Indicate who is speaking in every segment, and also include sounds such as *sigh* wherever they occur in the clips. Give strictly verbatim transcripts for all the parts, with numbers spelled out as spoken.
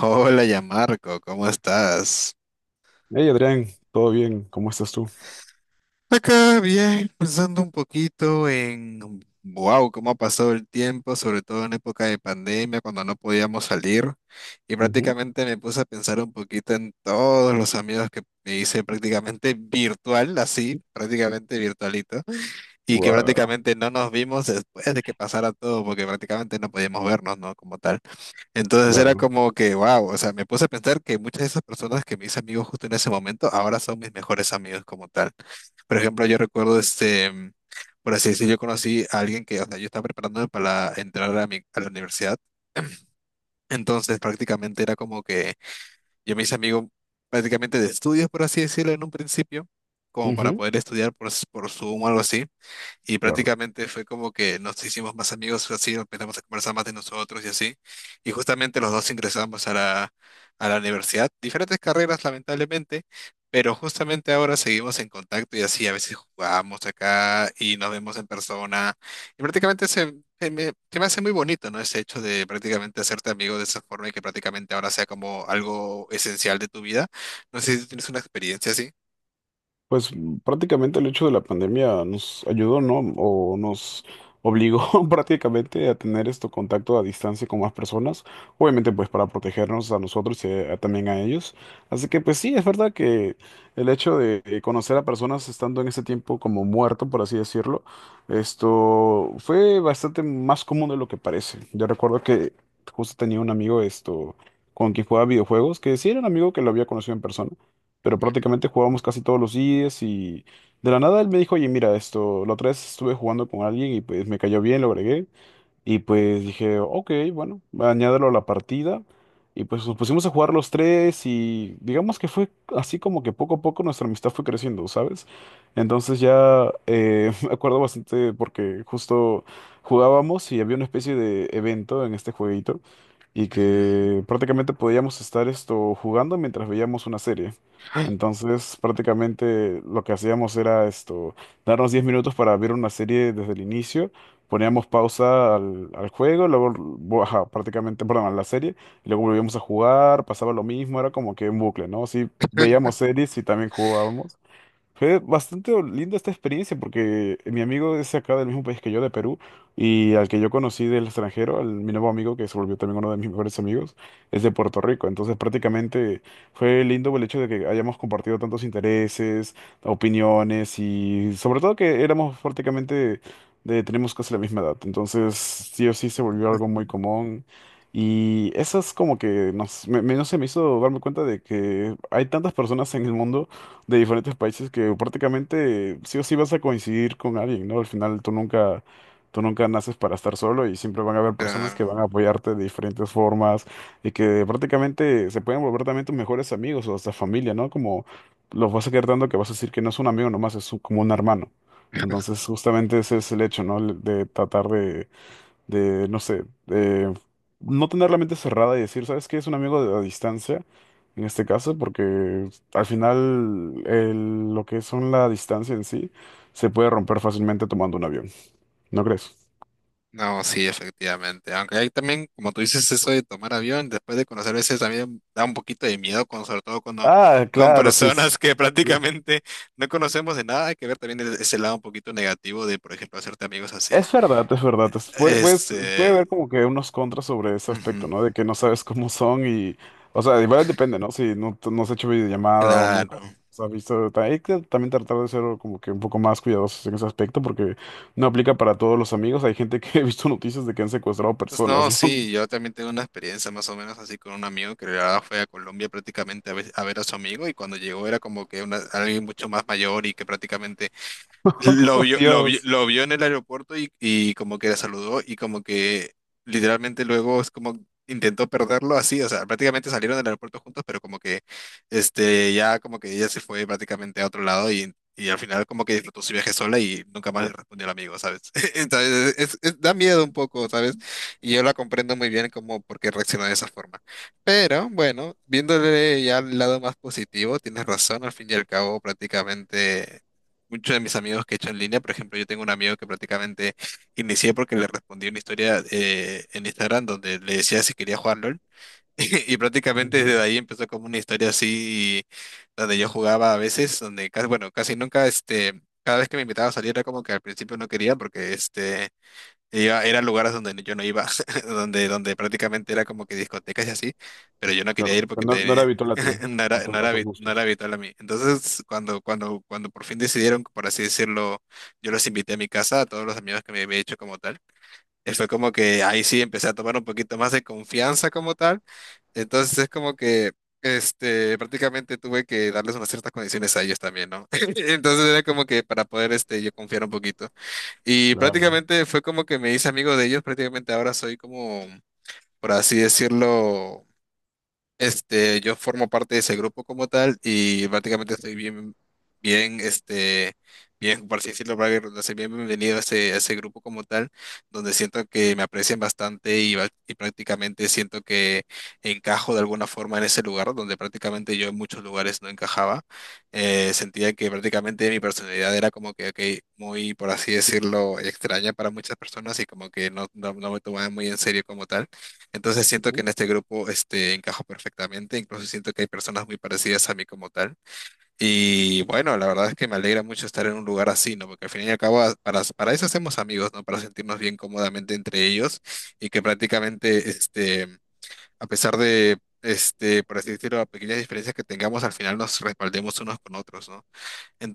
Speaker 1: Hola, ya Marco, ¿cómo estás?
Speaker 2: Hey Adrián, ¿todo bien? ¿Cómo estás tú?
Speaker 1: Acá bien, pensando un poquito en, wow, cómo ha pasado el tiempo, sobre todo en época de pandemia, cuando no podíamos salir. Y
Speaker 2: Ujú.
Speaker 1: prácticamente me puse a pensar un poquito en todos los amigos que me hice prácticamente virtual, así, prácticamente virtualito, y que
Speaker 2: Guau,
Speaker 1: prácticamente no nos vimos después de que pasara todo, porque prácticamente no podíamos vernos, ¿no? Como tal. Entonces era
Speaker 2: claro.
Speaker 1: como que, wow, o sea, me puse a pensar que muchas de esas personas que me hice amigos justo en ese momento, ahora son mis mejores amigos como tal. Por ejemplo, yo recuerdo, este, mm, por así decirlo, yo conocí a alguien que, o sea, yo estaba preparándome para entrar a, mi- a la universidad. Entonces prácticamente era como que yo me hice amigo prácticamente de estudios, por así decirlo, en un principio, como para
Speaker 2: Ujú,
Speaker 1: poder estudiar por, s- por Zoom o algo así. Y
Speaker 2: claro.
Speaker 1: prácticamente fue como que nos hicimos más amigos, así empezamos a conversar más de nosotros y así. Y justamente los dos ingresamos a la, a la universidad, diferentes carreras lamentablemente, pero justamente ahora seguimos en contacto y así a veces jugamos acá y nos vemos en persona. Y prácticamente se, se me, se me hace muy bonito, ¿no? Ese hecho de prácticamente hacerte amigo de esa forma y que prácticamente ahora sea como algo esencial de tu vida. No sé si tú tienes una experiencia así.
Speaker 2: Pues mm, prácticamente el hecho de la pandemia nos ayudó, ¿no? O nos obligó *laughs* prácticamente a tener esto contacto a distancia con más personas, obviamente pues para protegernos a nosotros y eh, también a ellos. Así que pues sí, es verdad que el hecho de eh, conocer a personas estando en ese tiempo como muerto, por así decirlo, esto fue bastante más común de lo que parece. Yo recuerdo que justo tenía un amigo esto con quien jugaba videojuegos, que sí era un amigo que lo había conocido en persona pero
Speaker 1: Ujú,
Speaker 2: prácticamente jugábamos casi todos los días y de la nada él me dijo, oye, mira, esto, la otra vez estuve jugando con alguien y pues me cayó bien, lo agregué. Y pues dije, ok, bueno, añádelo a la partida. Y pues nos pusimos a jugar los tres y digamos que fue así como que poco a poco nuestra amistad fue creciendo, ¿sabes? Entonces ya eh, *laughs* me acuerdo bastante porque justo jugábamos y había una especie de evento en este jueguito y que prácticamente podíamos estar esto jugando mientras veíamos una serie.
Speaker 1: ujú.
Speaker 2: Entonces, prácticamente lo que hacíamos era esto, darnos diez minutos para ver una serie desde el inicio poníamos pausa al, al juego, luego, vo- ajá, prácticamente, perdón, a la serie, y luego volvíamos a jugar, pasaba lo mismo, era como que un bucle, ¿no? Sí, veíamos series y también jugábamos. Fue bastante linda esta experiencia porque mi amigo es acá del mismo país que yo, de Perú, y al que yo conocí del extranjero, al, mi nuevo amigo, que se volvió también uno de mis mejores amigos, es de Puerto Rico. Entonces prácticamente fue lindo el hecho de que hayamos compartido tantos intereses, opiniones y sobre todo que éramos prácticamente de, tenemos casi la misma edad. Entonces sí o sí se volvió algo muy común. Y eso es como que nos, me, me- no sé, me hizo darme cuenta de que hay tantas personas en el mundo de diferentes países que prácticamente sí o sí vas a coincidir con alguien, ¿no? Al final tú nunca, tú nunca naces para estar solo y siempre van a haber personas que
Speaker 1: Claro.
Speaker 2: van a apoyarte de diferentes formas y que prácticamente se pueden volver también tus mejores amigos o hasta familia, ¿no? Como los vas a quedar tanto que vas a decir que no es un amigo nomás, es un- como un hermano. Entonces justamente ese es el hecho, ¿no? De tratar de de, no sé, de no tener la mente cerrada y decir, ¿sabes qué? Es un amigo de- a distancia, en este caso, porque al final el- lo que son la distancia en sí se puede romper fácilmente tomando un avión, ¿no crees?
Speaker 1: No, sí, efectivamente. Aunque hay también, como tú dices, eso de tomar avión, después de conocer a veces también da un poquito de miedo, con, sobre todo cuando,
Speaker 2: Ah,
Speaker 1: *laughs* con
Speaker 2: claro, sí.
Speaker 1: personas
Speaker 2: s-
Speaker 1: que prácticamente no conocemos de nada. Hay que ver también el- ese lado un poquito negativo de, por ejemplo, hacerte amigos así.
Speaker 2: Es verdad, es verdad. Es- puede, puedes- puede
Speaker 1: Este,
Speaker 2: haber como que unos contras sobre ese aspecto,
Speaker 1: ujú,
Speaker 2: ¿no? De que no sabes cómo son y, o sea, igual depende, ¿no? Si no, t- no has hecho videollamada o nunca
Speaker 1: claro.
Speaker 2: has visto, ta- hay que también tratar de ser como que un poco más cuidadosos en ese aspecto porque no aplica para todos los amigos. Hay gente que *laughs* he visto noticias de que han secuestrado
Speaker 1: Pues
Speaker 2: personas,
Speaker 1: no,
Speaker 2: ¿no?
Speaker 1: sí,
Speaker 2: *laughs*
Speaker 1: yo también tengo una experiencia más o menos así con un amigo que la verdad fue a Colombia prácticamente a ver, a ver a su amigo y cuando llegó era como que una, alguien mucho más mayor y que prácticamente lo
Speaker 2: ¡Oh,
Speaker 1: vio, lo vio,
Speaker 2: Dios!
Speaker 1: lo vio en el aeropuerto y, y como que la saludó y como que literalmente luego es como intentó perderlo así, o sea, prácticamente salieron del aeropuerto juntos, pero como que este ya como que ella se fue prácticamente a otro lado y, y al final como que disfrutó su viaje sola y nunca más le respondió al amigo, ¿sabes? *laughs* Entonces es- es- da miedo un poco, ¿sabes? Y yo la comprendo muy bien como por qué reaccionó de esa forma. Pero bueno, viéndole ya el lado más positivo, tienes razón, al fin y al cabo prácticamente... Muchos de mis amigos que he hecho en línea, por ejemplo, yo tengo un amigo que prácticamente inicié porque le respondí una historia eh, en Instagram donde le decía si quería jugar LOL. *laughs* Y prácticamente
Speaker 2: Ujú,
Speaker 1: desde ahí empezó como una historia así donde yo jugaba a veces, donde casi, bueno, casi nunca, este, cada vez que me invitaba a salir era como que al principio no quería porque este iba, eran lugares donde yo no iba, *laughs* donde, donde prácticamente era como que discotecas y así, pero yo no quería ir
Speaker 2: claro, que
Speaker 1: porque
Speaker 2: no, no era
Speaker 1: te-
Speaker 2: habitual a ti,
Speaker 1: *laughs* no
Speaker 2: a
Speaker 1: era, no
Speaker 2: tu- a
Speaker 1: era,
Speaker 2: tus
Speaker 1: habi- no era
Speaker 2: gustos.
Speaker 1: habitual a mí. Entonces, cuando, cuando, cuando por fin decidieron, por así decirlo, yo los invité a mi casa, a todos los amigos que me había hecho como tal, y fue como que ahí sí empecé a tomar un poquito más de confianza como tal. Entonces es como que... Este, prácticamente tuve que darles unas ciertas condiciones a ellos también, ¿no? *laughs* Entonces era como que para poder, este, yo confiar un poquito. Y
Speaker 2: Claro.
Speaker 1: prácticamente fue como que me hice amigo de ellos, prácticamente ahora soy como, por así decirlo, este, yo formo parte de ese grupo como tal y prácticamente estoy bien, bien, este, bien, por así decirlo, para que redundancia, bien bienvenido a ese, a ese grupo como tal, donde siento que me aprecian bastante y, va- y prácticamente siento que encajo de alguna forma en ese lugar, donde prácticamente yo en muchos lugares no encajaba. Eh, sentía que prácticamente mi personalidad era como que, ok, muy, por así decirlo, extraña para muchas personas y como que no, no, no me tomaban muy en serio como tal. Entonces siento que
Speaker 2: Ujú,
Speaker 1: en este grupo este, encajo perfectamente, incluso siento que hay personas muy parecidas a mí como tal. Y bueno, la verdad es que me alegra mucho estar en un lugar así, ¿no? Porque al fin y al cabo, a- para, para eso hacemos amigos, ¿no? Para sentirnos bien cómodamente entre ellos y que prácticamente, este, a pesar de, este, por así decirlo, pequeñas diferencias que tengamos, al final nos respaldemos unos con otros, ¿no?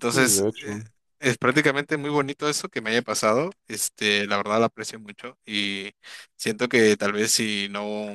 Speaker 2: sí, de
Speaker 1: eh,
Speaker 2: hecho.
Speaker 1: es prácticamente muy bonito eso que me haya pasado. Este, la verdad la aprecio mucho y siento que tal vez si no,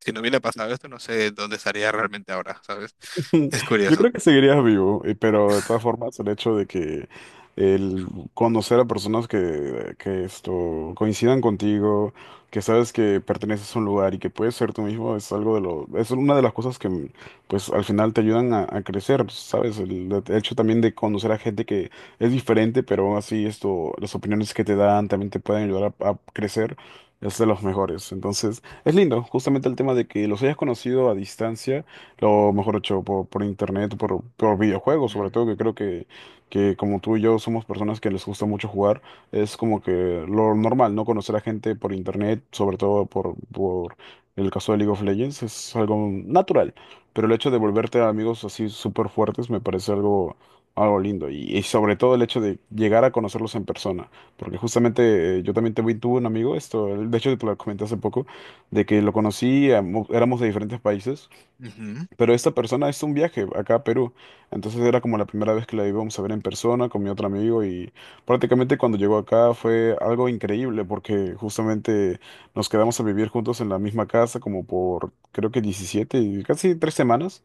Speaker 1: si no hubiera pasado esto, no sé dónde estaría realmente ahora, ¿sabes?
Speaker 2: *laughs*
Speaker 1: Es
Speaker 2: Yo creo
Speaker 1: curioso.
Speaker 2: que seguirías vivo, eh, pero de todas formas el hecho de que el conocer a personas que, que esto coincidan contigo, que sabes que perteneces a un lugar y que puedes ser tú mismo es algo de lo, es una de las cosas que mm, pues al final te ayudan a, a crecer, ¿sabes? El, el hecho también de conocer a gente que es diferente, pero aún así esto, las opiniones que te dan también te pueden ayudar a, a crecer, es de los mejores. Entonces, es lindo, justamente el tema de que los hayas conocido a distancia lo mejor hecho por, por internet, por, por videojuegos, sobre todo que creo que, que como tú y yo somos personas que les gusta mucho jugar, es como que lo normal, ¿no? Conocer a gente por internet, sobre todo por, por el caso de League of Legends, es algo natural, pero el hecho de volverte amigos así súper fuertes me parece algo... Algo lindo y, y sobre todo el hecho de llegar a conocerlos en persona, porque justamente eh, yo también tuve, tuve un amigo, esto, de hecho te lo comenté hace poco, de que lo conocí, amo- éramos de diferentes países
Speaker 1: Ujú.
Speaker 2: pero esta persona hizo un viaje acá a Perú. Entonces era como la primera vez que la íbamos a ver en persona con mi otro amigo y prácticamente cuando llegó acá fue algo increíble porque justamente nos quedamos a vivir juntos en la misma casa como por creo que diecisiete y casi tres semanas.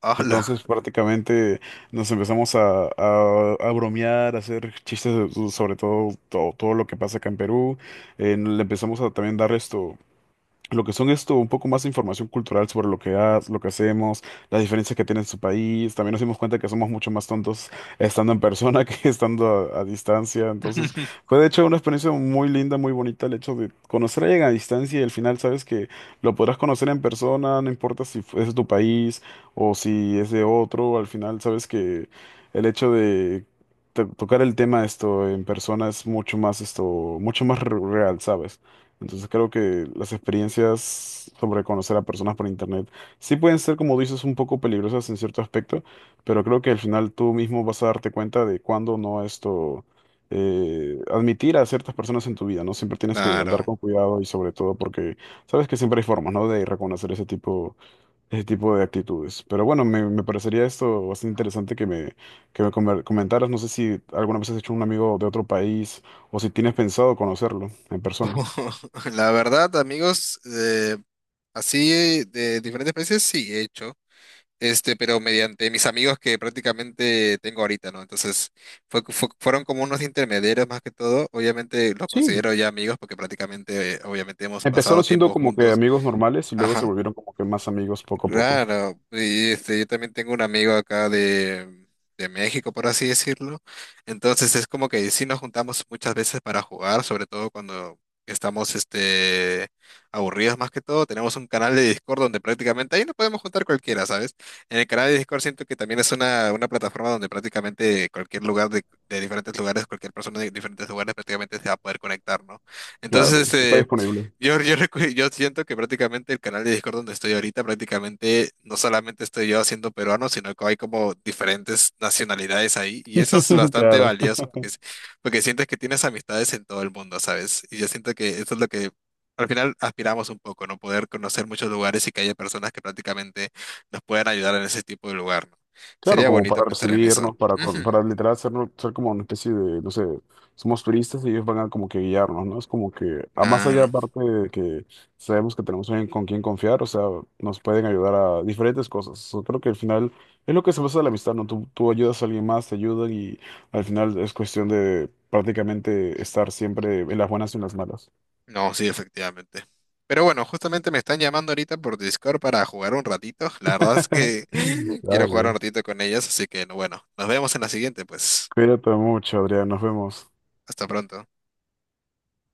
Speaker 1: Hola.
Speaker 2: Entonces prácticamente nos empezamos a, a- a bromear, a hacer chistes so- sobre todo, todo, todo lo que pasa acá en Perú. Eh, le empezamos a también dar esto lo que son esto, un poco más de información cultural sobre lo que ha- lo que hacemos, las diferencias que tiene en su país. También nos dimos cuenta que somos mucho más tontos estando en persona *laughs* que estando a, a distancia. Entonces,
Speaker 1: *laughs*
Speaker 2: fue de hecho una experiencia muy linda, muy bonita el hecho de conocer a alguien a distancia y al final sabes que lo podrás conocer en persona, no importa si fu- es de tu país o si es de otro, al final sabes que el hecho de to- tocar el tema esto en persona es mucho más esto, mucho más re- real, ¿sabes? Entonces creo que las experiencias sobre conocer a personas por internet sí pueden ser, como dices, un poco peligrosas en cierto aspecto, pero creo que al final tú mismo vas a darte cuenta de cuándo no esto eh, admitir a ciertas personas en tu vida, ¿no? Siempre tienes que andar
Speaker 1: Claro.
Speaker 2: con cuidado y sobre todo porque sabes que siempre hay formas, ¿no? De reconocer ese tipo, ese tipo de actitudes. Pero bueno, me, me parecería esto bastante interesante que me, que me comer- comentaras. No sé si alguna vez has hecho un amigo de otro país o si tienes pensado conocerlo en persona.
Speaker 1: *laughs* La verdad, amigos, eh, así de diferentes países sí he hecho. Este, pero mediante mis amigos que prácticamente tengo ahorita, ¿no? Entonces, fue, fue- fueron como unos intermediarios más que todo. Obviamente los
Speaker 2: Sí.
Speaker 1: considero ya amigos porque prácticamente, eh, obviamente hemos
Speaker 2: Empezaron
Speaker 1: pasado
Speaker 2: siendo
Speaker 1: tiempo
Speaker 2: como que
Speaker 1: juntos.
Speaker 2: amigos normales y luego se
Speaker 1: Ajá.
Speaker 2: volvieron como que más amigos poco a poco.
Speaker 1: Claro, y este, yo también tengo un amigo acá de, de México, por así decirlo. Entonces es como que sí nos juntamos muchas veces para jugar, sobre todo cuando estamos este, aburridos más que todo. Tenemos un canal de Discord donde prácticamente ahí nos podemos juntar cualquiera, ¿sabes? En el canal de Discord siento que también es una, una plataforma donde prácticamente cualquier lugar de, de diferentes lugares, cualquier persona de diferentes lugares prácticamente se va a poder conectar, ¿no? Entonces,
Speaker 2: Claro, si está
Speaker 1: este...
Speaker 2: disponible.
Speaker 1: Yo, yo, recu- yo siento que prácticamente el canal de Discord donde estoy ahorita, prácticamente no solamente estoy yo haciendo peruano, sino que hay como diferentes nacionalidades ahí. Y eso es
Speaker 2: *laughs*
Speaker 1: bastante
Speaker 2: Claro.
Speaker 1: valioso porque, es- porque sientes que tienes amistades en todo el mundo, ¿sabes? Y yo siento que eso es lo que al final aspiramos un poco, ¿no? Poder conocer muchos lugares y que haya personas que prácticamente nos puedan ayudar en ese tipo de lugar, ¿no?
Speaker 2: Claro,
Speaker 1: Sería
Speaker 2: como
Speaker 1: bonito
Speaker 2: para
Speaker 1: pensar en eso.
Speaker 2: recibirnos, para, con-
Speaker 1: Ujú.
Speaker 2: para literal hacernos- ser, como una especie de, no sé, somos turistas y ellos van a como que guiarnos, ¿no? Es como que, a más allá
Speaker 1: Claro.
Speaker 2: aparte de que sabemos que tenemos alguien con quien confiar, o sea, nos pueden ayudar a diferentes cosas. Yo creo que al final es lo que se basa en la amistad, ¿no? Tú, tú ayudas a alguien más, te ayudan y al final es cuestión de prácticamente estar siempre en las buenas y en las malas.
Speaker 1: No, sí, efectivamente. Pero bueno, justamente me están llamando ahorita por Discord para jugar un ratito. La verdad es que
Speaker 2: *laughs*
Speaker 1: *laughs* quiero jugar un
Speaker 2: Dale.
Speaker 1: ratito con ellas, así que no, bueno, nos vemos en la siguiente, pues.
Speaker 2: Cuídate mucho, Adrián. Nos vemos.
Speaker 1: Hasta pronto.